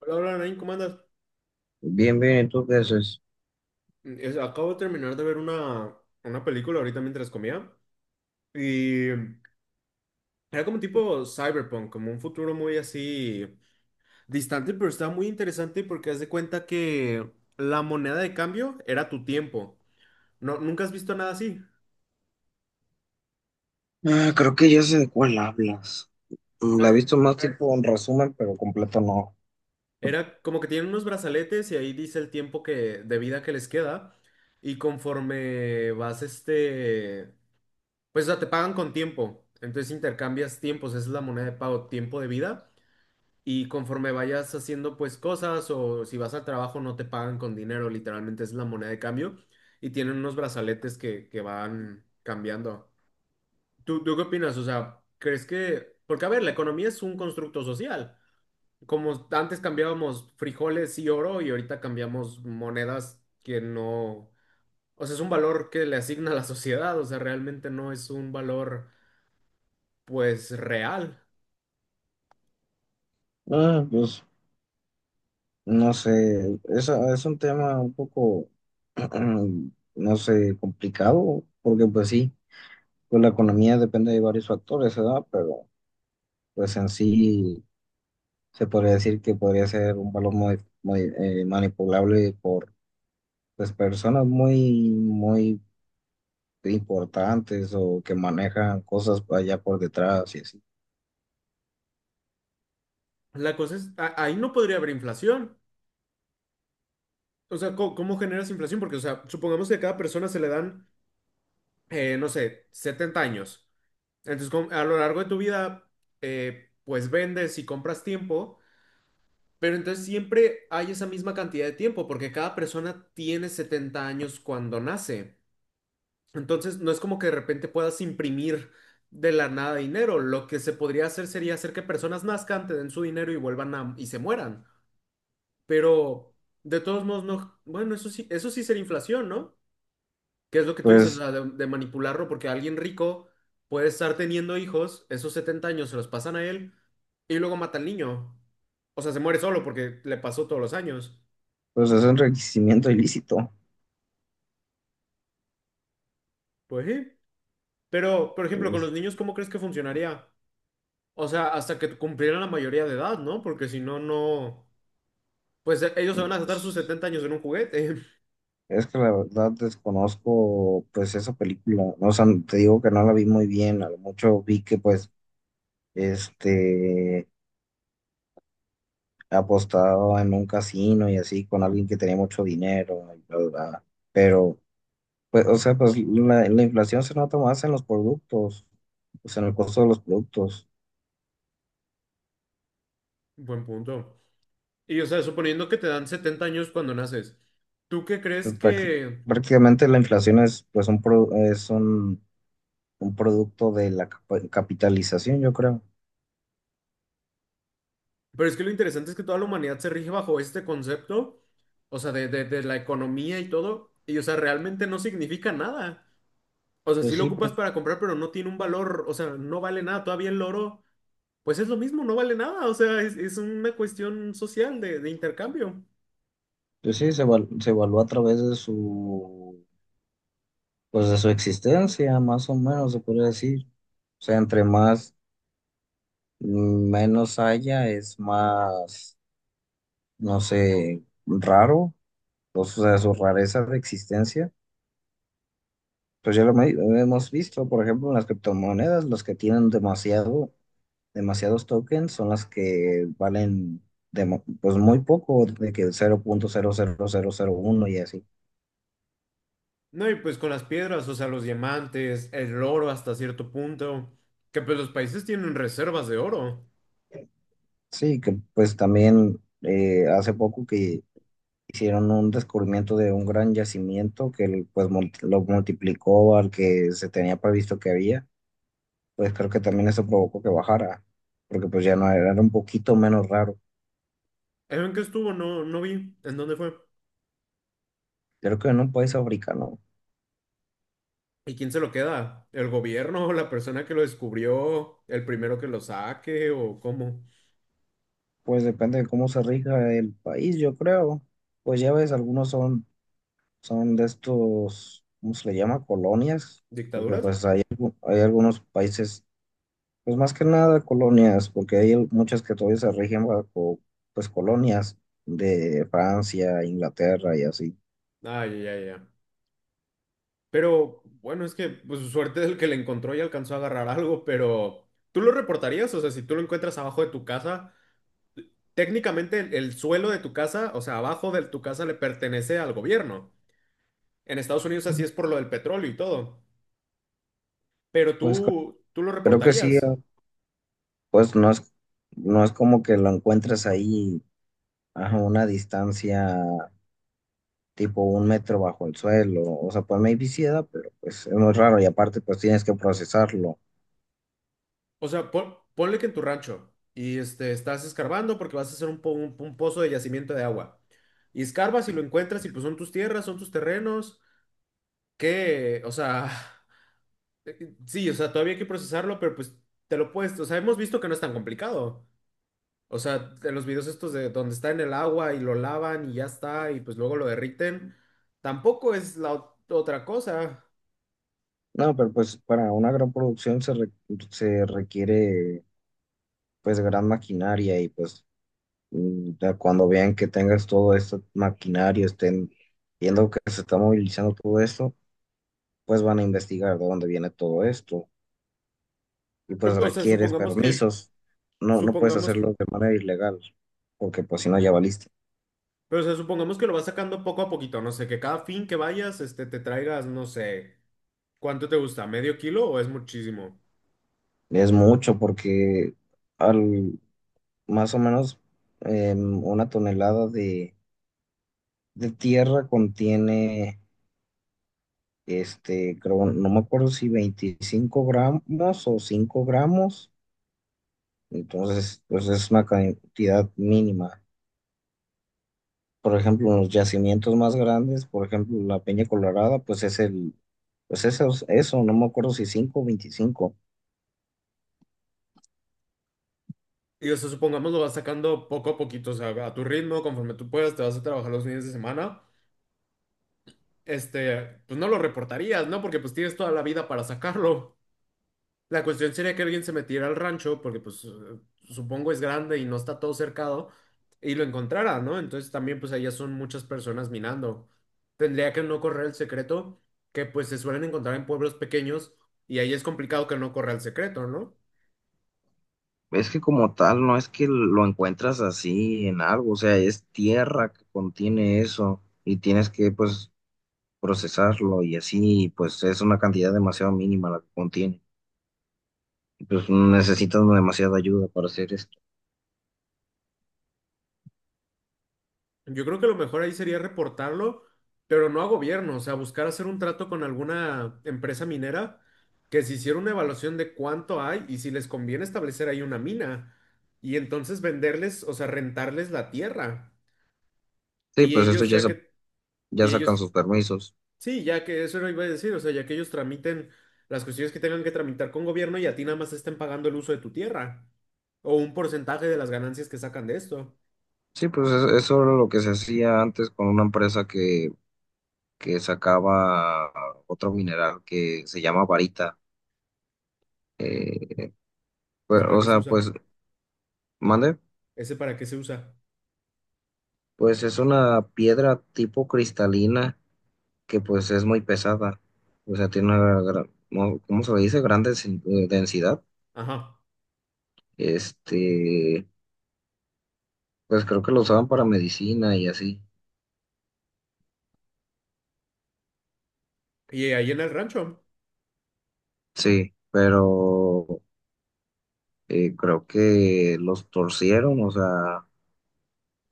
Hola, hola, Nain, ¿cómo andas? Bien, bien, ¿y tú qué haces? Acabo de terminar de ver una película ahorita mientras comía y era como tipo cyberpunk, como un futuro muy así distante, pero estaba muy interesante porque haz de cuenta que la moneda de cambio era tu tiempo. No, ¿nunca has visto nada así? Ah, creo que ya sé de cuál hablas. Mm, la he Eh, visto más tipo en resumen, pero completo no. Era como que tienen unos brazaletes y ahí dice el de vida que les queda y conforme vas pues o sea, te pagan con tiempo, entonces intercambias tiempos, esa es la moneda de pago, tiempo de vida. Y conforme vayas haciendo pues cosas o si vas al trabajo no te pagan con dinero, literalmente es la moneda de cambio y tienen unos brazaletes que van cambiando. ¿Tú qué opinas? O sea, ¿crees que... Porque a ver, la economía es un constructo social. Como antes cambiábamos frijoles y oro y ahorita cambiamos monedas que no... O sea, es un valor que le asigna a la sociedad, o sea, realmente no es un valor pues real. Ah, pues no sé, es un tema un poco, no sé, complicado, porque pues sí, pues la economía depende de varios factores, ¿verdad? Pero pues en sí se podría decir que podría ser un valor muy, muy, manipulable por pues personas muy, muy importantes o que manejan cosas allá por detrás y así. La cosa es, ahí no podría haber inflación. O sea, ¿cómo generas inflación? Porque, o sea, supongamos que a cada persona se le dan, no sé, 70 años. Entonces, a lo largo de tu vida, pues vendes y compras tiempo, pero entonces siempre hay esa misma cantidad de tiempo, porque cada persona tiene 70 años cuando nace. Entonces, no es como que de repente puedas imprimir de la nada dinero. Lo que se podría hacer sería hacer que personas nazcan, te den su dinero y vuelvan y se mueran. Pero, de todos modos, no. Bueno, eso sí sería inflación, ¿no? ¿Qué es lo que tú dices? O Pues, sea, de manipularlo, porque alguien rico puede estar teniendo hijos, esos 70 años se los pasan a él y luego mata al niño. O sea, se muere solo porque le pasó todos los años. pues es un enriquecimiento ilícito. Pues sí. Pero, por ejemplo, con Es, los niños, ¿cómo crees que funcionaría? O sea, hasta que cumplieran la mayoría de edad, ¿no? Porque si no, no. Pues ellos se van a gastar sus pues, 70 años en un juguete. es que la verdad desconozco pues esa película. No, o sea, te digo que no la vi muy bien. A lo mucho vi que pues este apostaba en un casino y así con alguien que tenía mucho dinero y bla, bla, bla. Pero, pues, o sea, pues la inflación se nota más en los productos, pues en el costo de los productos. Buen punto. Y, o sea, suponiendo que te dan 70 años cuando naces, ¿tú qué crees Práct- que...? Prácticamente la inflación es pues es un producto de la capitalización, yo creo. Pero es que lo interesante es que toda la humanidad se rige bajo este concepto. O sea, de la economía y todo, y o sea, realmente no significa nada. O sea, sí Pues lo sí, ocupas para comprar, pero no tiene un valor, o sea, no vale nada. Todavía el oro, pues es lo mismo, no vale nada. O sea, es una cuestión social de intercambio. pues sí, se evaluó a través de su, pues de su existencia, más o menos, se podría decir. O sea, entre más, menos haya, es más, no sé, raro, o sea, su rareza de existencia. Pues ya lo hemos visto, por ejemplo, en las criptomonedas, los que tienen demasiado, demasiados tokens son las que valen pues muy poco, de que cero punto cero cero cero cero punto uno y así. No, y pues con las piedras, o sea, los diamantes, el oro hasta cierto punto, que pues los países tienen reservas de oro. Sí, que pues también hace poco que hicieron un descubrimiento de un gran yacimiento que pues lo multiplicó al que se tenía previsto que había, pues creo que también eso provocó que bajara, porque pues ya no era, era un poquito menos raro. ¿En qué estuvo? No, no vi. ¿En dónde fue? Creo que en un país africano. ¿Y quién se lo queda? ¿El gobierno? ¿La persona que lo descubrió? ¿El primero que lo saque? ¿O cómo? Pues depende de cómo se rija el país, yo creo. Pues ya ves, algunos son, son de estos, ¿cómo se le llama? Colonias, porque ¿Dictaduras? pues hay, hay algunos países, pues más que nada colonias, porque hay muchas que todavía se rigen bajo, pues colonias de Francia, Inglaterra y así. Ah, ya, ya, ya. Pero bueno, es que pues su suerte es el que le encontró y alcanzó a agarrar algo, pero ¿tú lo reportarías? O sea, si tú lo encuentras abajo de tu casa, técnicamente el suelo de tu casa, o sea, abajo de tu casa le pertenece al gobierno. En Estados Unidos así es por lo del petróleo y todo. Pero Pues cre- tú lo Creo que sí, reportarías. pues no es, no es como que lo encuentres ahí a una distancia tipo un metro bajo el suelo. O sea, pues maybe sí da, pero pues es muy raro y aparte pues tienes que procesarlo. O sea, ponle que en tu rancho y este, estás escarbando porque vas a hacer un, un pozo de yacimiento de agua. Y escarbas y lo encuentras y pues son tus tierras, son tus terrenos. ¿Qué? O sea... Eh, Sí, o sea, todavía hay que procesarlo, pero pues te lo puedes, o sea, hemos visto que no es tan complicado. O sea, en los videos estos de donde está en el agua y lo lavan y ya está, y pues luego lo derriten, tampoco es la otra cosa. No, pero pues para una gran producción se requiere pues gran maquinaria y pues ya cuando vean que tengas todo este maquinario, estén viendo que se está movilizando todo esto, pues van a investigar de dónde viene todo esto y pues Pero, o sea, requieres permisos. No, no puedes supongamos, hacerlo de manera ilegal porque pues si no ya valiste. pero o sea, supongamos que lo vas sacando poco a poquito, no sé, que cada fin que vayas, este, te traigas, no sé, ¿cuánto te gusta? ¿Medio kilo o es muchísimo? Es mucho porque al, más o menos una tonelada de tierra contiene, este, creo, no me acuerdo si 25 gramos o 5 gramos, entonces pues es una cantidad mínima. Por ejemplo, los yacimientos más grandes, por ejemplo, la Peña Colorada, pues es el, pues eso, no me acuerdo si 5 o 25. Y o sea, supongamos lo vas sacando poco a poquito, o sea, a tu ritmo, conforme tú puedas, te vas a trabajar los fines de semana. Este, pues no lo reportarías, ¿no? Porque pues tienes toda la vida para sacarlo. La cuestión sería que alguien se metiera al rancho, porque pues supongo es grande y no está todo cercado, y lo encontrara, ¿no? Entonces también pues allá son muchas personas minando. Tendría que no correr el secreto, que pues se suelen encontrar en pueblos pequeños, y ahí es complicado que no corra el secreto, ¿no? Es que como tal, no es que lo encuentras así en algo, o sea, es tierra que contiene eso y tienes que pues procesarlo y así, pues es una cantidad demasiado mínima la que contiene. Y, pues necesitan demasiada ayuda para hacer esto. Yo creo que lo mejor ahí sería reportarlo, pero no a gobierno, o sea, buscar hacer un trato con alguna empresa minera que se hiciera una evaluación de cuánto hay y si les conviene establecer ahí una mina y entonces venderles, o sea, rentarles la tierra. Sí, Y pues esto ellos ya, ya y sacan ellos, sus permisos. sí, ya que eso lo iba a decir, o sea, ya que ellos tramiten las cuestiones que tengan que tramitar con gobierno y a ti nada más te estén pagando el uso de tu tierra o un porcentaje de las ganancias que sacan de esto. Sí, pues es eso era lo que se hacía antes con una empresa que sacaba otro mineral que se llama varita. Eh, ¿Ese pues, para o qué se sea, usa? pues, mande, ¿Ese para qué se usa? pues es una piedra tipo cristalina que pues es muy pesada. O sea, tiene una gran, ¿cómo se le dice? Gran densidad. Ajá. Este, pues creo que lo usaban para medicina y así. Y ahí en el rancho Sí, pero creo que los torcieron, o sea,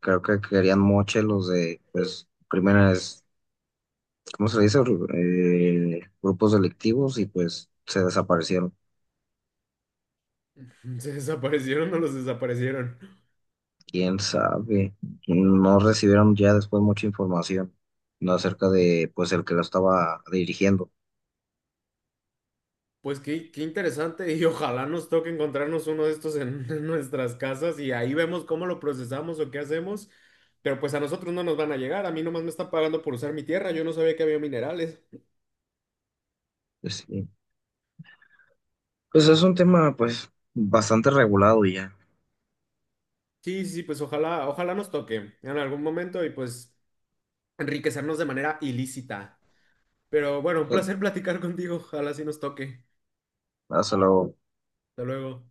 creo que querían moche los de, pues, primeras, ¿cómo se le dice? Grupos delictivos y pues se desaparecieron. se desaparecieron o los desaparecieron. ¿Quién sabe? No recibieron ya después mucha información, ¿no? Acerca de, pues, el que lo estaba dirigiendo. Pues qué interesante y ojalá nos toque encontrarnos uno de estos en, en nuestras casas y ahí vemos cómo lo procesamos o qué hacemos. Pero pues a nosotros no nos van a llegar, a mí nomás me está pagando por usar mi tierra, yo no sabía que había minerales. Pues, sí. Pues es un tema, pues, bastante regulado y ya. Sí, sí, pues ojalá, ojalá nos toque en algún momento y pues enriquecernos de manera ilícita. Pero bueno, un Pues, placer platicar contigo, ojalá sí nos toque. hasta luego. Hasta luego.